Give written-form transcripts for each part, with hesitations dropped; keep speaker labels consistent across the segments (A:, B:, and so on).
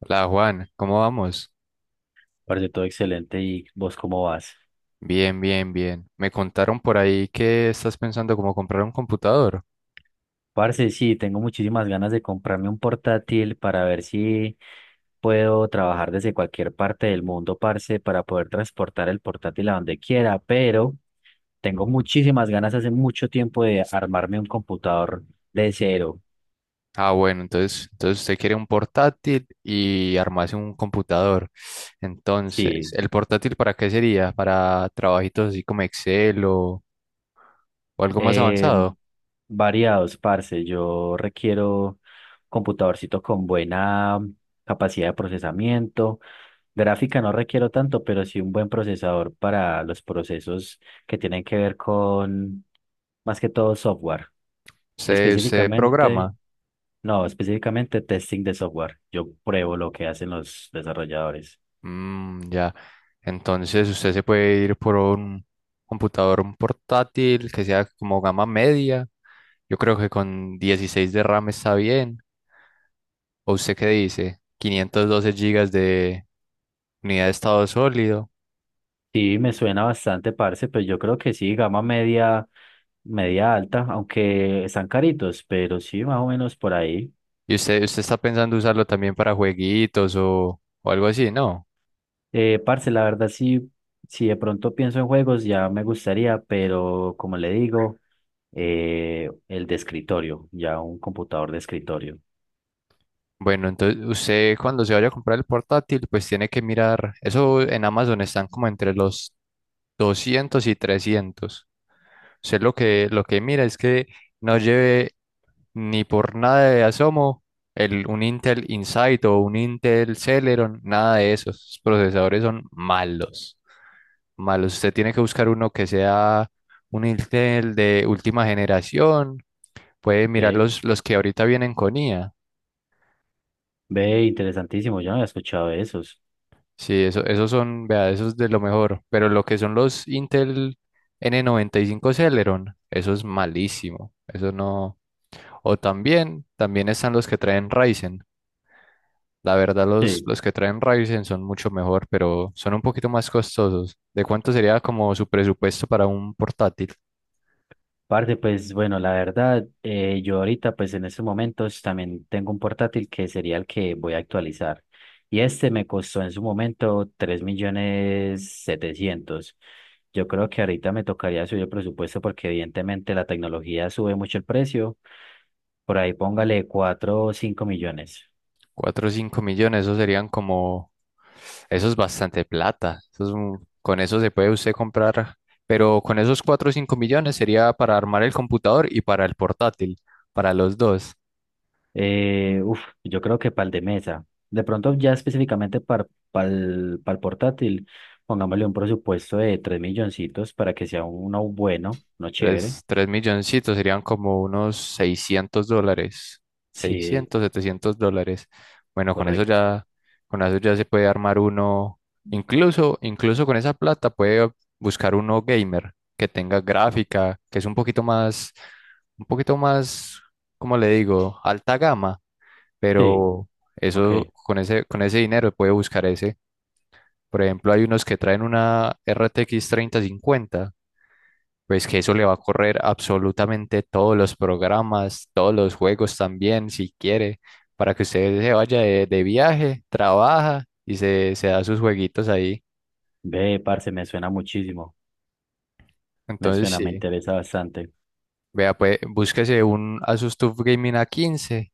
A: Hola Juan, ¿cómo vamos?
B: Parce, todo excelente. ¿Y vos cómo vas?
A: Bien, bien, bien. Me contaron por ahí que estás pensando como comprar un computador.
B: Parce, sí, tengo muchísimas ganas de comprarme un portátil para ver si puedo trabajar desde cualquier parte del mundo, parce, para poder transportar el portátil a donde quiera, pero tengo muchísimas ganas hace mucho tiempo de armarme un computador de cero.
A: Ah, bueno, entonces usted quiere un portátil y armarse un computador. Entonces,
B: Sí,
A: ¿el portátil para qué sería? ¿Para trabajitos así como Excel o algo más
B: eh,
A: avanzado?
B: variados, parce. Yo requiero computadorcito con buena capacidad de procesamiento. Gráfica no requiero tanto, pero sí un buen procesador para los procesos que tienen que ver con, más que todo, software.
A: ¿Se
B: Específicamente,
A: programa?
B: no, específicamente testing de software. Yo pruebo lo que hacen los desarrolladores.
A: Mm, ya. Entonces usted se puede ir por un computador, un portátil que sea como gama media. Yo creo que con 16 de RAM está bien. ¿O usted qué dice? 512 gigas de unidad de estado sólido.
B: Sí, me suena bastante, parce, pero yo creo que sí, gama media, media alta, aunque están caritos, pero sí, más o menos por ahí.
A: ¿Y usted está pensando usarlo también para jueguitos o algo así? No.
B: Parce, la verdad sí, si de pronto pienso en juegos ya me gustaría, pero como le digo, el de escritorio, ya un computador de escritorio.
A: Bueno, entonces usted cuando se vaya a comprar el portátil, pues tiene que mirar. Eso en Amazon están como entre los 200 y 300. Usted lo que mira es que no lleve ni por nada de asomo un Intel Insight o un Intel Celeron, nada de eso. Esos procesadores son malos, malos. Usted tiene que buscar uno que sea un Intel de última generación. Puede mirar
B: Ok.
A: los que ahorita vienen con IA.
B: Ve, interesantísimo, yo no había escuchado de esos.
A: Sí, eso, esos son, vea, esos de lo mejor. Pero lo que son los Intel N95 Celeron, eso es malísimo. Eso no. O también están los que traen Ryzen. La verdad, los,
B: Sí.
A: los que traen Ryzen son mucho mejor, pero son un poquito más costosos. ¿De cuánto sería como su presupuesto para un portátil?
B: Parte pues bueno, la verdad, yo ahorita pues en estos momentos también tengo un portátil que sería el que voy a actualizar. Y este me costó en su momento 3.700.000. Yo creo que ahorita me tocaría subir el presupuesto porque evidentemente la tecnología sube mucho el precio. Por ahí póngale 4 o 5 millones.
A: 4 o 5 millones, esos serían como... Eso es bastante plata. Eso es con eso se puede usted comprar, pero con esos 4 o 5 millones sería para armar el computador y para el portátil, para los dos.
B: Yo creo que para el de mesa. De pronto, ya específicamente para el portátil, pongámosle un presupuesto de 3 milloncitos para que sea uno bueno, uno chévere.
A: Tres milloncitos serían como unos $600.
B: Sí,
A: 600 $700. Bueno, con eso
B: correcto.
A: ya, con eso ya se puede armar uno. Incluso con esa plata puede buscar uno gamer que tenga gráfica, que es un poquito más, ¿cómo le digo? Alta gama.
B: Sí,
A: Pero
B: ok.
A: eso, con ese dinero puede buscar ese. Por ejemplo, hay unos que traen una RTX 3050, pues que eso le va a correr absolutamente todos los programas, todos los juegos también, si quiere, para que usted se vaya de viaje, trabaja y se da sus jueguitos ahí.
B: Ve, parce, me suena muchísimo. Me
A: Entonces,
B: suena, me
A: sí,
B: interesa bastante.
A: vea, pues búsquese un Asus TUF Gaming a quince.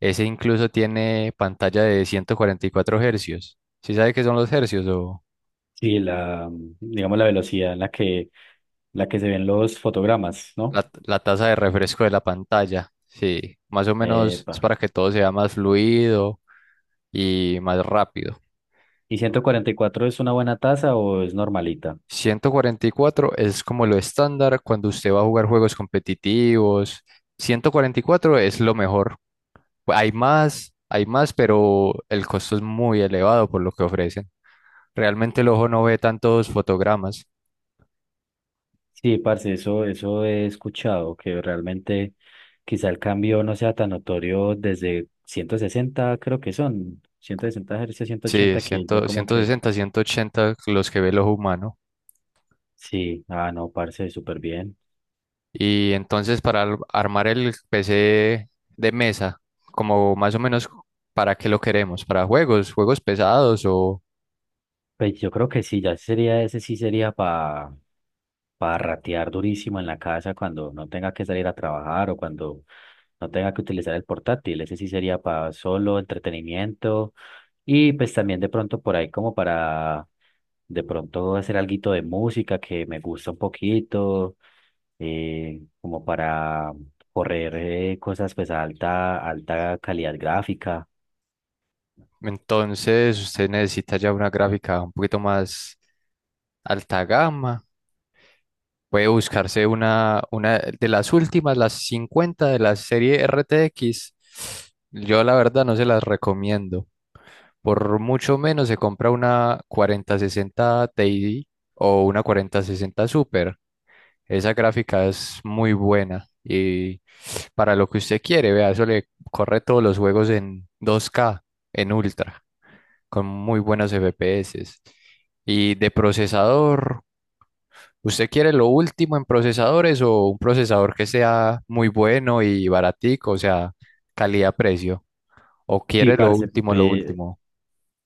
A: Ese incluso tiene pantalla de 144 Hz. ¿Sí sabe qué son los hercios o
B: Sí, la, digamos, la velocidad en la que se ven los fotogramas, ¿no?
A: la tasa de refresco de la pantalla? Sí, más o menos
B: Epa.
A: es para que todo sea más fluido y más rápido.
B: ¿Y 144 es una buena tasa o es normalita?
A: 144 es como lo estándar cuando usted va a jugar juegos competitivos. 144 es lo mejor. Hay más, pero el costo es muy elevado por lo que ofrecen. Realmente el ojo no ve tantos fotogramas.
B: Sí, parce, eso he escuchado, que realmente quizá el cambio no sea tan notorio desde 160 creo que son, 160 Hz, ciento
A: Sí,
B: ochenta que ya como
A: 100
B: que,
A: 160, 180 los que ve el ojo humano.
B: sí, ah, no, parce, súper bien.
A: Y entonces para armar el PC de mesa, como más o menos para qué lo queremos, ¿para juegos, juegos pesados o...?
B: Pues yo creo que sí, ya sería, ese sí sería para ratear durísimo en la casa cuando no tenga que salir a trabajar o cuando no tenga que utilizar el portátil. Ese sí sería para solo entretenimiento. Y pues también de pronto por ahí como para de pronto hacer alguito de música que me gusta un poquito, como para correr cosas pues a alta, alta calidad gráfica.
A: Entonces, usted necesita ya una gráfica un poquito más alta gama. Puede buscarse una de las últimas, las 50 de la serie RTX. Yo la verdad no se las recomiendo. Por mucho menos se compra una 4060 Ti o una 4060 Super. Esa gráfica es muy buena y para lo que usted quiere, vea, eso le corre todos los juegos en 2K en Ultra, con muy buenos FPS. Y de procesador, ¿usted quiere lo último en procesadores o un procesador que sea muy bueno y baratico, o sea, calidad-precio? ¿O
B: Sí,
A: quiere lo
B: parce,
A: último, lo
B: pe-
A: último?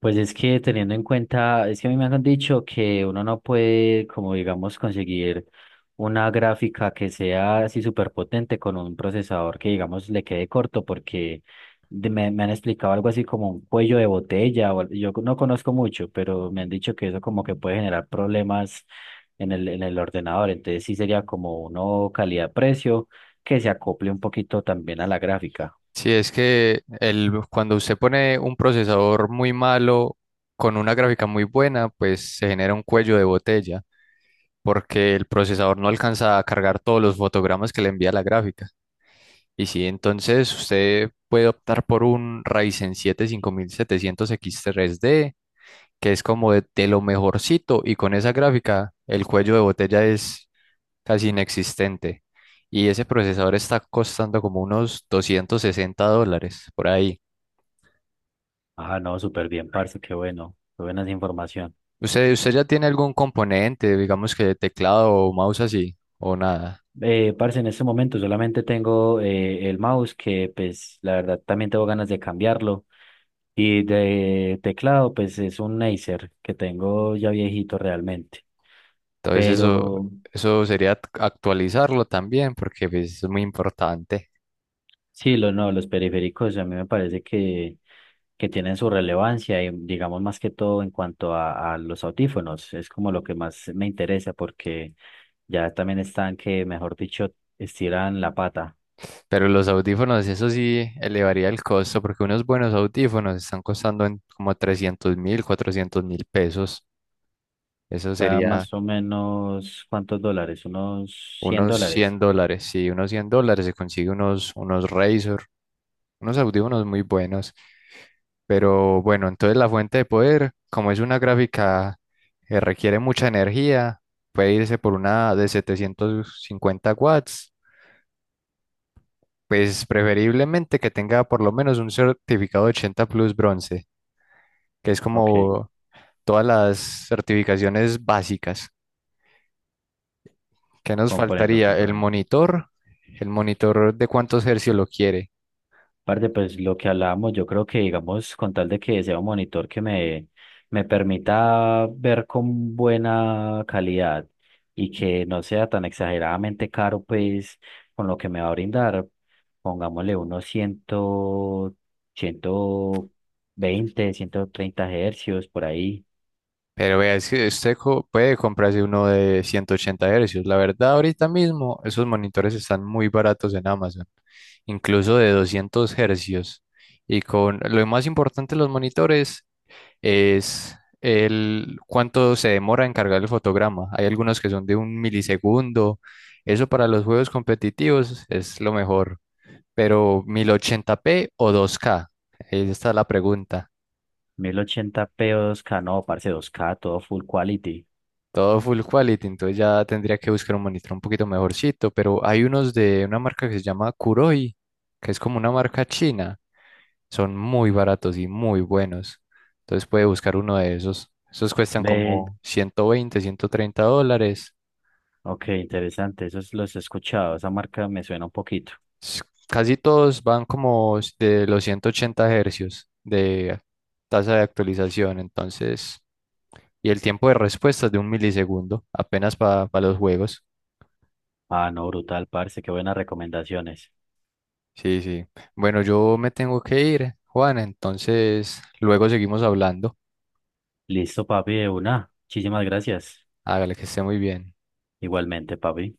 B: Pues es que teniendo en cuenta, es que a mí me han dicho que uno no puede, como digamos, conseguir una gráfica que sea así súper potente con un procesador que, digamos, le quede corto, porque me han explicado algo así como un cuello de botella, yo no conozco mucho, pero me han dicho que eso como que puede generar problemas en el ordenador, entonces sí sería como uno calidad-precio que se acople un poquito también a la gráfica.
A: Sí, es que cuando usted pone un procesador muy malo con una gráfica muy buena, pues se genera un cuello de botella, porque el procesador no alcanza a cargar todos los fotogramas que le envía la gráfica. Y sí, entonces usted puede optar por un Ryzen siete cinco mil setecientos x 3 d que es como de lo mejorcito, y con esa gráfica el cuello de botella es casi inexistente. Y ese procesador está costando como unos $260 por ahí.
B: Ah, no, súper bien, parce, qué bueno, qué buena esa información.
A: ¿Usted ya tiene algún componente, digamos que teclado o mouse así, o nada?
B: Parce, en este momento solamente tengo el mouse que pues la verdad también tengo ganas de cambiarlo y de teclado pues es un Acer que tengo ya viejito realmente.
A: Entonces eso,
B: Pero
A: eso sería actualizarlo también, porque pues, es muy importante.
B: sí, lo, no, los periféricos a mí me parece que tienen su relevancia y digamos más que todo en cuanto a los audífonos, es como lo que más me interesa porque ya también están que, mejor dicho, estiran la pata.
A: Pero los audífonos, eso sí elevaría el costo, porque unos buenos audífonos están costando en como 300.000, 400.000 pesos. Eso
B: Está
A: sería
B: más o menos, ¿cuántos dólares? Unos 100
A: unos
B: dólares.
A: $100. Sí, unos $100 se consigue unos Razer, unos audífonos muy buenos. Pero bueno, entonces la fuente de poder, como es una gráfica que requiere mucha energía, puede irse por una de 750 W, pues preferiblemente que tenga por lo menos un certificado 80 Plus bronce, que es
B: Ok,
A: como todas las certificaciones básicas. ¿Qué nos
B: comprendo,
A: faltaría? El
B: comprendo.
A: monitor, el monitor de cuántos hercios lo quiere.
B: Aparte, pues lo que hablábamos, yo creo que, digamos, con tal de que sea un monitor que me permita ver con buena calidad y que no sea tan exageradamente caro, pues con lo que me va a brindar, pongámosle unos 100, 120 130 hercios por ahí.
A: Pero vea, es que usted puede comprarse uno de 180 Hz. La verdad, ahorita mismo esos monitores están muy baratos en Amazon, incluso de 200 Hz. Y con lo más importante de los monitores es el cuánto se demora en cargar el fotograma. Hay algunos que son de un milisegundo. Eso para los juegos competitivos es lo mejor. Pero 1080p o 2K, esta es la pregunta.
B: 1080p o 2K, no, parce, 2K, todo full quality.
A: Todo full quality, entonces ya tendría que buscar un monitor un poquito mejorcito, pero hay unos de una marca que se llama Kuroi, que es como una marca china. Son muy baratos y muy buenos. Entonces puede buscar uno de esos. Esos cuestan
B: Ve,
A: como 120 $130.
B: ok, interesante, esos los he escuchado, esa marca me suena un poquito.
A: s- Casi todos van como de los 180 Hz de tasa de actualización, entonces, y el tiempo de respuesta es de un milisegundo, apenas para los juegos.
B: Ah, no, brutal, parce, qué buenas recomendaciones.
A: Sí, sí. Bueno, yo me tengo que ir, Juan, entonces luego seguimos hablando.
B: Listo, papi, de una. Muchísimas gracias.
A: Hágale que esté muy bien.
B: Igualmente, papi.